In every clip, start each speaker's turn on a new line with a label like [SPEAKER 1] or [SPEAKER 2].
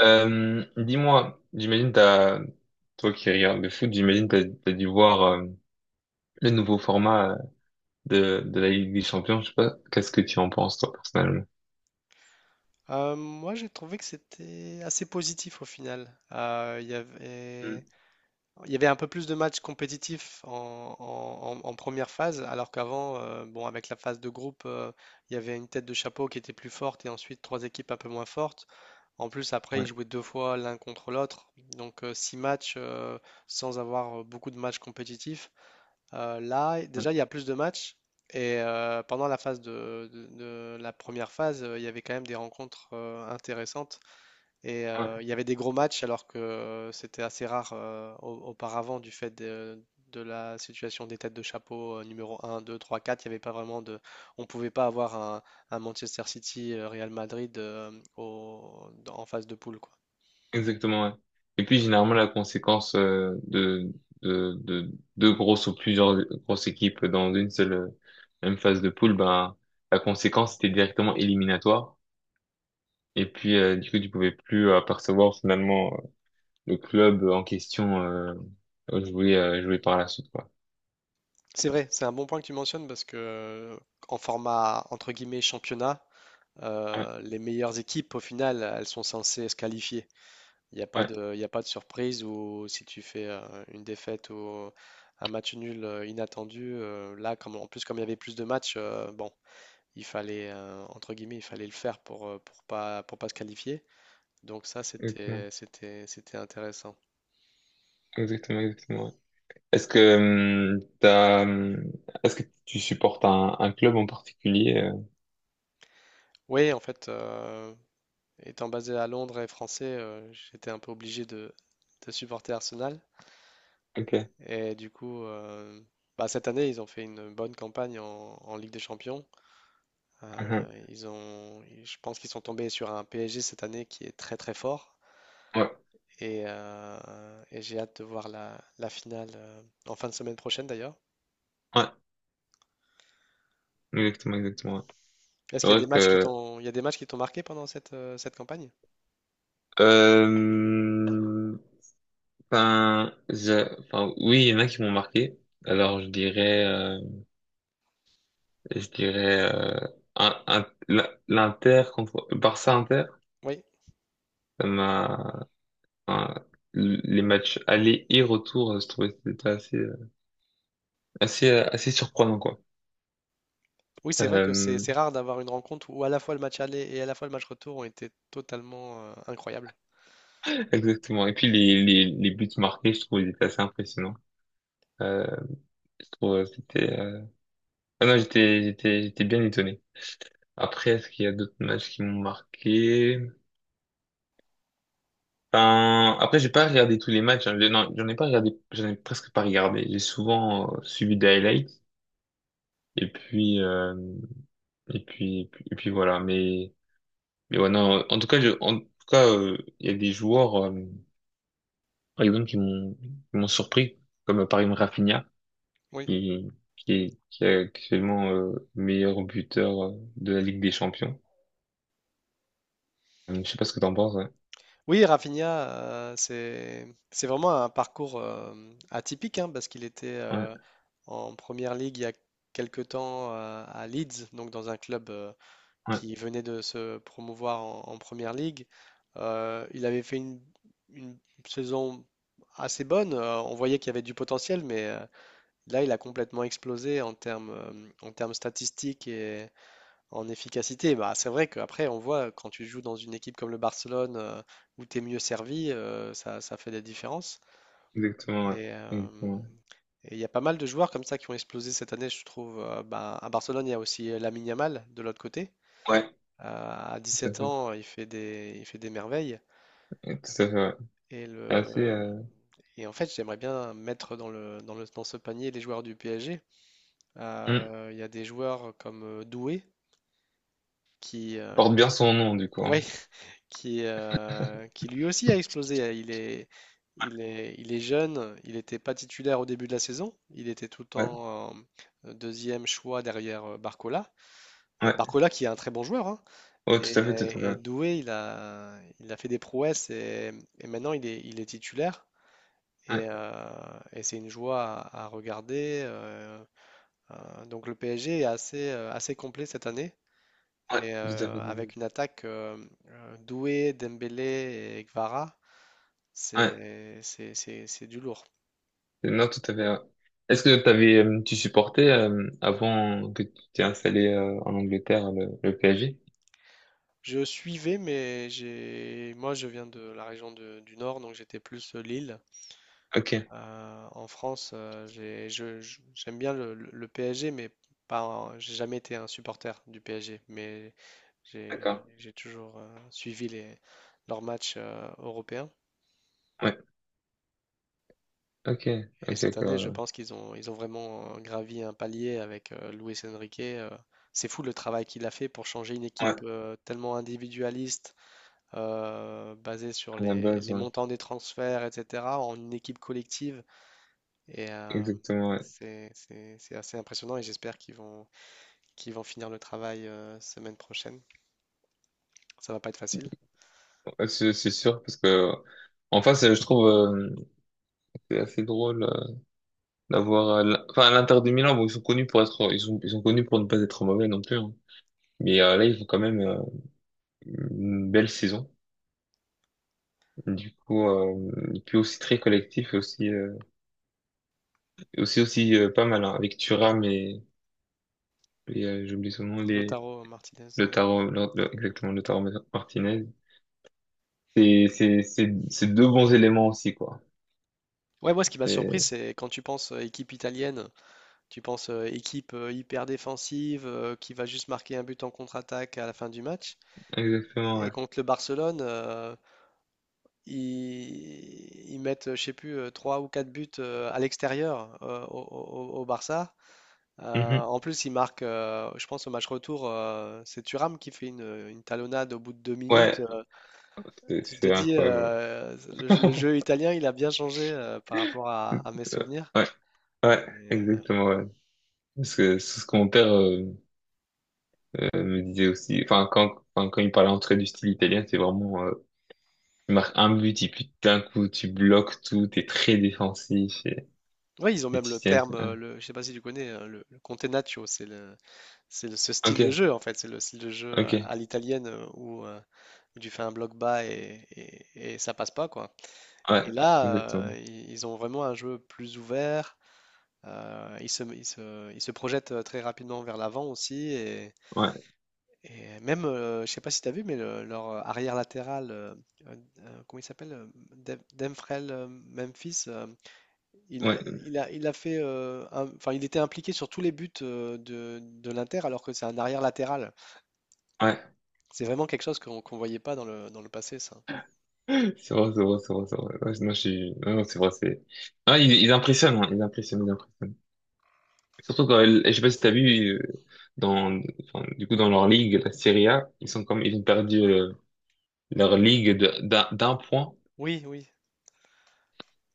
[SPEAKER 1] Dis-moi, toi qui regardes le foot, t'as dû voir le nouveau format de la Ligue des Champions. Je sais pas, qu'est-ce que tu en penses toi personnellement?
[SPEAKER 2] Moi, j'ai trouvé que c'était assez positif au final. Il y
[SPEAKER 1] Mm.
[SPEAKER 2] avait, il y avait un peu plus de matchs compétitifs en première phase, alors qu'avant, bon, avec la phase de groupe, il y avait une tête de chapeau qui était plus forte et ensuite trois équipes un peu moins fortes. En plus, après, ils
[SPEAKER 1] Ouais,
[SPEAKER 2] jouaient deux fois l'un contre l'autre, donc six matchs sans avoir beaucoup de matchs compétitifs. Là,
[SPEAKER 1] ouais,
[SPEAKER 2] déjà, il y a plus de matchs. Pendant la phase de la première phase, il y avait quand même des rencontres intéressantes.
[SPEAKER 1] ouais,
[SPEAKER 2] Il y avait des gros matchs, alors que c'était assez rare auparavant du fait de la situation des têtes de chapeau numéro un, 2, 3, 4. Il y avait pas vraiment de. On ne pouvait pas avoir un Manchester City, Real Madrid en phase de poule, quoi.
[SPEAKER 1] exactement. Ouais. Et puis généralement la conséquence de deux grosses ou plusieurs grosses équipes dans une seule même phase de poule, ben la conséquence était directement éliminatoire. Et puis du coup tu pouvais plus apercevoir finalement le club en question jouer par la suite, quoi.
[SPEAKER 2] C'est vrai, c'est un bon point que tu mentionnes parce que en format entre guillemets championnat.
[SPEAKER 1] Ouais,
[SPEAKER 2] Les meilleures équipes, au final, elles sont censées se qualifier. Il n'y a pas
[SPEAKER 1] ouais,
[SPEAKER 2] de, il y a pas de surprise ou si tu fais une défaite ou un match nul inattendu, là, comme, en plus, comme il y avait plus de matchs, bon, il fallait, entre guillemets, il fallait le faire pour, pour pas se qualifier. Donc ça,
[SPEAKER 1] exactement,
[SPEAKER 2] c'était intéressant.
[SPEAKER 1] exactement, exactement. Ouais. Est-ce que euh, t'as, euh, Est-ce que tu supportes un club en particulier?
[SPEAKER 2] Oui, en fait, étant basé à Londres et français, j'étais un peu obligé de supporter Arsenal.
[SPEAKER 1] Ok.
[SPEAKER 2] Et du coup, bah, cette année, ils ont fait une bonne campagne en Ligue des Champions. Euh,
[SPEAKER 1] Mhm.
[SPEAKER 2] ils ont, je pense qu'ils sont tombés sur un PSG cette année qui est très très fort.
[SPEAKER 1] Ouais,
[SPEAKER 2] Et j'ai hâte de voir la finale en fin de semaine prochaine d'ailleurs.
[SPEAKER 1] ouais, exactement. Ouais.
[SPEAKER 2] Est-ce
[SPEAKER 1] C'est
[SPEAKER 2] qu'il y a des
[SPEAKER 1] vrai
[SPEAKER 2] matchs qui
[SPEAKER 1] que,
[SPEAKER 2] t'ont, il y a des matchs qui t'ont marqué pendant cette campagne?
[SPEAKER 1] euh, enfin, oui, il y en a qui m'ont marqué. Alors, je dirais, un, un- l'Inter contre Barça Inter,
[SPEAKER 2] Oui.
[SPEAKER 1] ça m'a Enfin, les matchs aller et retour, je trouvais que c'était assez surprenant, quoi.
[SPEAKER 2] Oui, c'est vrai que c'est
[SPEAKER 1] Euh,
[SPEAKER 2] c'est rare d'avoir une rencontre où à la fois le match aller et à la fois le match retour ont été totalement incroyables.
[SPEAKER 1] exactement. Et puis les buts marqués, je trouve, ils étaient assez impressionnants. Euh, je trouve euh, c'était... euh, Ah non, j'étais bien étonné. Après, est-ce qu'il y a d'autres matchs qui m'ont marqué? Enfin, après, j'ai pas regardé tous les matchs, hein. Non, j'en ai presque pas regardé. J'ai souvent suivi des highlights. Et puis, euh, et puis voilà. Mais ouais, non, en tout cas, il y a des joueurs, par exemple, qui m'ont surpris, comme par exemple Rafinha,
[SPEAKER 2] Oui.
[SPEAKER 1] qui, qui est actuellement meilleur buteur de la Ligue des Champions. Je sais pas ce que t'en penses. Ouais,
[SPEAKER 2] Oui, Rafinha, c'est vraiment un parcours atypique hein, parce qu'il était
[SPEAKER 1] ouais,
[SPEAKER 2] en première ligue il y a quelque temps à Leeds, donc dans un club
[SPEAKER 1] ouais,
[SPEAKER 2] qui venait de se promouvoir en première ligue. Il avait fait une saison assez bonne. On voyait qu'il y avait du potentiel, mais là, il a complètement explosé en termes en termes statistiques en efficacité. Bah, c'est vrai qu'après, on voit quand tu joues dans une équipe comme le Barcelone où tu es mieux servi. Ça, ça fait des différences.
[SPEAKER 1] exactement, ouais,
[SPEAKER 2] Et euh,
[SPEAKER 1] exactement.
[SPEAKER 2] et il y a pas mal de joueurs comme ça qui ont explosé cette année, je trouve. Bah, à Barcelone, il y a aussi Lamine Yamal de l'autre côté.
[SPEAKER 1] Ouais,
[SPEAKER 2] Euh, à
[SPEAKER 1] tout à
[SPEAKER 2] 17
[SPEAKER 1] fait,
[SPEAKER 2] ans, il fait des merveilles.
[SPEAKER 1] ouais, tout à fait. Ouais.
[SPEAKER 2] Et,
[SPEAKER 1] C'est assez,
[SPEAKER 2] le, et en fait, j'aimerais bien mettre dans ce panier les joueurs du PSG.
[SPEAKER 1] hmm,
[SPEAKER 2] Il y a des joueurs comme Doué qui, euh,
[SPEAKER 1] porte bien
[SPEAKER 2] qui,
[SPEAKER 1] son nom du coup,
[SPEAKER 2] ouais,
[SPEAKER 1] hein.
[SPEAKER 2] qui lui aussi a explosé. Il est jeune, il n'était pas titulaire au début de la saison, il était tout le
[SPEAKER 1] Ouais,
[SPEAKER 2] temps deuxième choix derrière Barcola.
[SPEAKER 1] ouais,
[SPEAKER 2] Barcola qui est un très bon joueur, hein.
[SPEAKER 1] oh, tout à fait.
[SPEAKER 2] Et
[SPEAKER 1] Ouais,
[SPEAKER 2] Doué, il a fait des prouesses et maintenant il est titulaire. Et,
[SPEAKER 1] ouais,
[SPEAKER 2] euh, et c'est une joie à regarder. Donc le PSG est assez complet cette année.
[SPEAKER 1] ouais, tout à fait.
[SPEAKER 2] Avec une attaque Doué, Dembélé et Kvara,
[SPEAKER 1] Ouais,
[SPEAKER 2] c'est du lourd.
[SPEAKER 1] non, tout à fait. Ouais. Tu supportais avant que tu t'es installé en Angleterre le PSG?
[SPEAKER 2] Je suivais, mais j'ai moi je viens de la région du Nord, donc j'étais plus Lille.
[SPEAKER 1] Ok,
[SPEAKER 2] En France, j'aime bien le PSG, mais pas, un- j'ai jamais été un supporter du PSG, mais j'ai,
[SPEAKER 1] d'accord.
[SPEAKER 2] j'ai toujours suivi leurs matchs européens.
[SPEAKER 1] Ouais, ok,
[SPEAKER 2] Et cette
[SPEAKER 1] ok.
[SPEAKER 2] année, je
[SPEAKER 1] Ouais,
[SPEAKER 2] pense qu'ils ont vraiment gravi un palier avec Luis Enrique. C'est fou le travail qu'il a fait pour changer une
[SPEAKER 1] Ouais,
[SPEAKER 2] équipe tellement individualiste basé sur
[SPEAKER 1] à la
[SPEAKER 2] les,
[SPEAKER 1] base,
[SPEAKER 2] les
[SPEAKER 1] ouais.
[SPEAKER 2] montants des transferts, etc., en une équipe collective. Et euh,
[SPEAKER 1] Exactement, ouais.
[SPEAKER 2] c'est assez impressionnant et j'espère qu'ils vont finir le travail semaine prochaine. Ça va pas être facile.
[SPEAKER 1] Ouais, c'est sûr, parce que en face, je trouve c'est assez drôle enfin, à l'Inter de Milan, bon, ils sont connus pour ne pas être mauvais non plus, hein. Mais là, ils font quand même une belle saison. Du coup, et puis aussi très collectif, aussi... aussi pas mal hein, avec Thuram et j'oublie son nom,
[SPEAKER 2] Lautaro Martinez,
[SPEAKER 1] le
[SPEAKER 2] hein.
[SPEAKER 1] tarot, le- exactement, le tarot Martinez. C'est deux bons éléments aussi, quoi.
[SPEAKER 2] Ouais, moi, ce qui m'a surpris,
[SPEAKER 1] C'est
[SPEAKER 2] c'est quand tu penses équipe italienne, tu penses équipe hyper défensive qui va juste marquer un but en contre-attaque à la fin du match.
[SPEAKER 1] exactement,
[SPEAKER 2] Et
[SPEAKER 1] ouais.
[SPEAKER 2] contre le Barcelone, ils mettent, je sais plus, trois ou quatre buts à l'extérieur au Barça.
[SPEAKER 1] Mhm.
[SPEAKER 2] En plus, ils marquent, je pense, au match retour, c'est Thuram qui fait une talonnade au bout de 2 minutes.
[SPEAKER 1] Ouais, c'est
[SPEAKER 2] Tu te
[SPEAKER 1] c'est
[SPEAKER 2] dis,
[SPEAKER 1] incroyable.
[SPEAKER 2] le jeu italien, il a bien changé par rapport à mes souvenirs.
[SPEAKER 1] Ouais, ouais,
[SPEAKER 2] Et, euh,
[SPEAKER 1] exactement, ouais. Parce que c'est ce que mon père me disait aussi. Enfin, quand il parlait en tout du style italien, c'est vraiment, tu marques un but et puis d'un coup, tu bloques tout, t'es très défensif
[SPEAKER 2] ouais, ils ont
[SPEAKER 1] et
[SPEAKER 2] même
[SPEAKER 1] tu
[SPEAKER 2] le
[SPEAKER 1] tiens.
[SPEAKER 2] terme, je sais pas si tu connais, le Contenaccio, ce style
[SPEAKER 1] Ok,
[SPEAKER 2] de jeu en fait, c'est le style de jeu à,
[SPEAKER 1] ok.
[SPEAKER 2] à l'italienne où tu fais un bloc bas et ça passe pas quoi.
[SPEAKER 1] Ouais,
[SPEAKER 2] Et là,
[SPEAKER 1] exactement.
[SPEAKER 2] ils ont vraiment un jeu plus ouvert. Ils se projettent très rapidement vers l'avant aussi. Et,
[SPEAKER 1] Ouais,
[SPEAKER 2] et même, je ne sais pas si tu as vu, mais leur arrière latéral, comment il s'appelle? Demfrel Memphis, euh, il, a,
[SPEAKER 1] ouais,
[SPEAKER 2] il a- il a fait, enfin, il était impliqué sur tous les buts de l'Inter, alors que c'est un arrière latéral.
[SPEAKER 1] ouais.
[SPEAKER 2] C'est vraiment quelque chose qu'on voyait pas dans le passé, ça.
[SPEAKER 1] C'est vrai. Ouais, non, je suis... Non, Non, c'est vrai, c'est... ils impressionnent, hein, ils impressionnent. Surtout quand... Je sais pas si t'as vu, dans... enfin, du coup, dans leur ligue, la Serie A, Ils ont perdu leur ligue d'un point.
[SPEAKER 2] Oui, oui.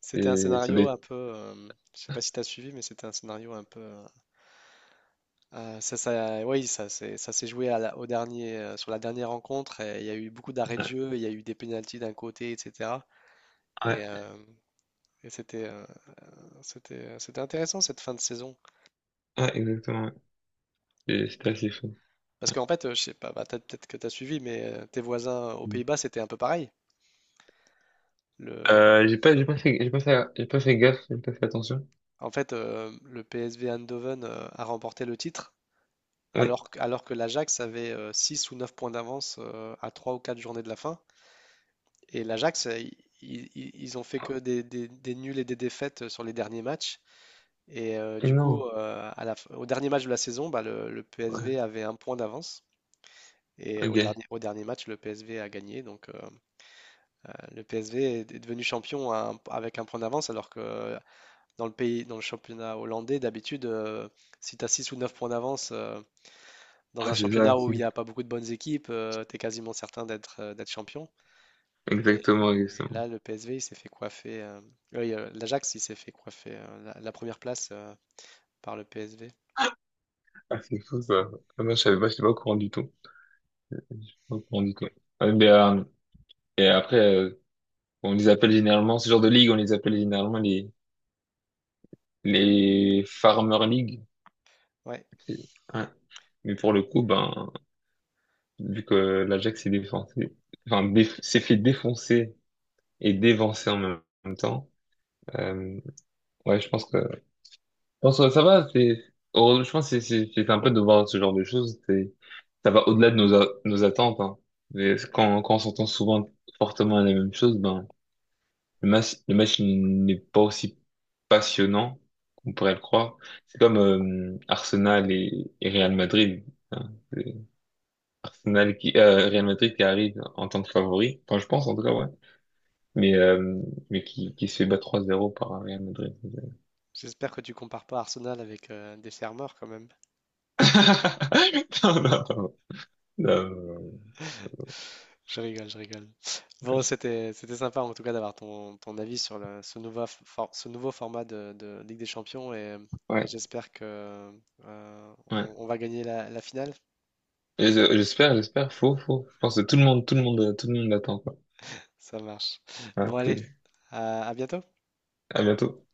[SPEAKER 2] C'était un
[SPEAKER 1] Et ça doit
[SPEAKER 2] scénario un
[SPEAKER 1] être-
[SPEAKER 2] peu. Je sais pas si tu as suivi, mais c'était un scénario un peu. Oui, ça s'est joué au dernier, sur la dernière rencontre. Et il y a eu beaucoup d'arrêts de
[SPEAKER 1] Ouais,
[SPEAKER 2] jeu, il y a eu des pénaltys d'un côté, etc. Et,
[SPEAKER 1] ouais,
[SPEAKER 2] euh, et c'était intéressant cette fin de saison.
[SPEAKER 1] ouais, exactement. Ouais. Et c'était assez fou.
[SPEAKER 2] Parce qu'en fait, je sais pas, bah, peut-être que tu as suivi, mais tes voisins aux
[SPEAKER 1] Mm.
[SPEAKER 2] Pays-Bas, c'était un peu pareil. Le,
[SPEAKER 1] J'ai pas fait gaffe, j'ai pas fait attention.
[SPEAKER 2] En fait, le PSV Eindhoven a remporté le titre,
[SPEAKER 1] Ouais.
[SPEAKER 2] alors que l'Ajax avait 6 ou 9 points d'avance à 3 ou 4 journées de la fin. Et l'Ajax, ils ont fait que des nuls et des défaites sur les derniers matchs.
[SPEAKER 1] Et
[SPEAKER 2] Du coup,
[SPEAKER 1] non.
[SPEAKER 2] au dernier match de la saison, bah, le PSV
[SPEAKER 1] Ouais,
[SPEAKER 2] avait un point d'avance. Et au
[SPEAKER 1] ok.
[SPEAKER 2] dernier, au dernier match, le PSV a gagné. Donc, le PSV est devenu champion avec un point d'avance, alors que dans le pays, dans le championnat hollandais, d'habitude, si tu as 6 ou 9 points d'avance, dans
[SPEAKER 1] Ouais,
[SPEAKER 2] un
[SPEAKER 1] c'est ça.
[SPEAKER 2] championnat où il
[SPEAKER 1] C'est-
[SPEAKER 2] n'y a pas beaucoup de bonnes équipes, tu es quasiment certain d'être champion. Et
[SPEAKER 1] exactement, exactement.
[SPEAKER 2] là, le PSV, il s'est fait coiffer. Oui, l'Ajax, il s'est fait coiffer la première place par le PSV.
[SPEAKER 1] Ah, c'est fou ça. Ah, moi, je savais pas, j'étais pas au courant du tout. J'étais Pas au courant du tout. Ouais, mais, et après, on les appelle généralement, ce genre de ligue, on les appelle généralement les Farmer League.
[SPEAKER 2] Ouais,
[SPEAKER 1] C'est- ouais. Mais pour le coup, ben, vu que l'Ajax s'est défoncé, s'est fait défoncer et dévancer en même temps, euh, ouais, je pense que bon, ça va, heureusement, je pense que c'est sympa de voir ce genre de choses. Ça va au-delà de nos attentes. Hein. Mais quand on s'entend souvent fortement à la même chose, ben, le match n'est pas aussi passionnant qu'on pourrait le croire. C'est comme Arsenal et Real Madrid, hein. Real Madrid qui arrive en tant que favori, enfin, je pense en tout cas, ouais. Mais, qui se fait battre 3-0 par un Real Madrid.
[SPEAKER 2] j'espère que tu compares pas Arsenal avec des fermeurs quand même.
[SPEAKER 1] Non, non, non, non.
[SPEAKER 2] Je rigole, je rigole. Bon, c'était sympa en tout cas d'avoir ton avis sur ce nouveau format de Ligue des Champions et
[SPEAKER 1] Ouais,
[SPEAKER 2] j'espère que on,
[SPEAKER 1] ouais.
[SPEAKER 2] on va gagner la finale.
[SPEAKER 1] J'espère, j'espère. Faux, faux. Je pense que tout le monde l'attend, quoi.
[SPEAKER 2] Ça marche.
[SPEAKER 1] Ouais,
[SPEAKER 2] Bon, allez,
[SPEAKER 1] cool.
[SPEAKER 2] à bientôt.
[SPEAKER 1] À bientôt.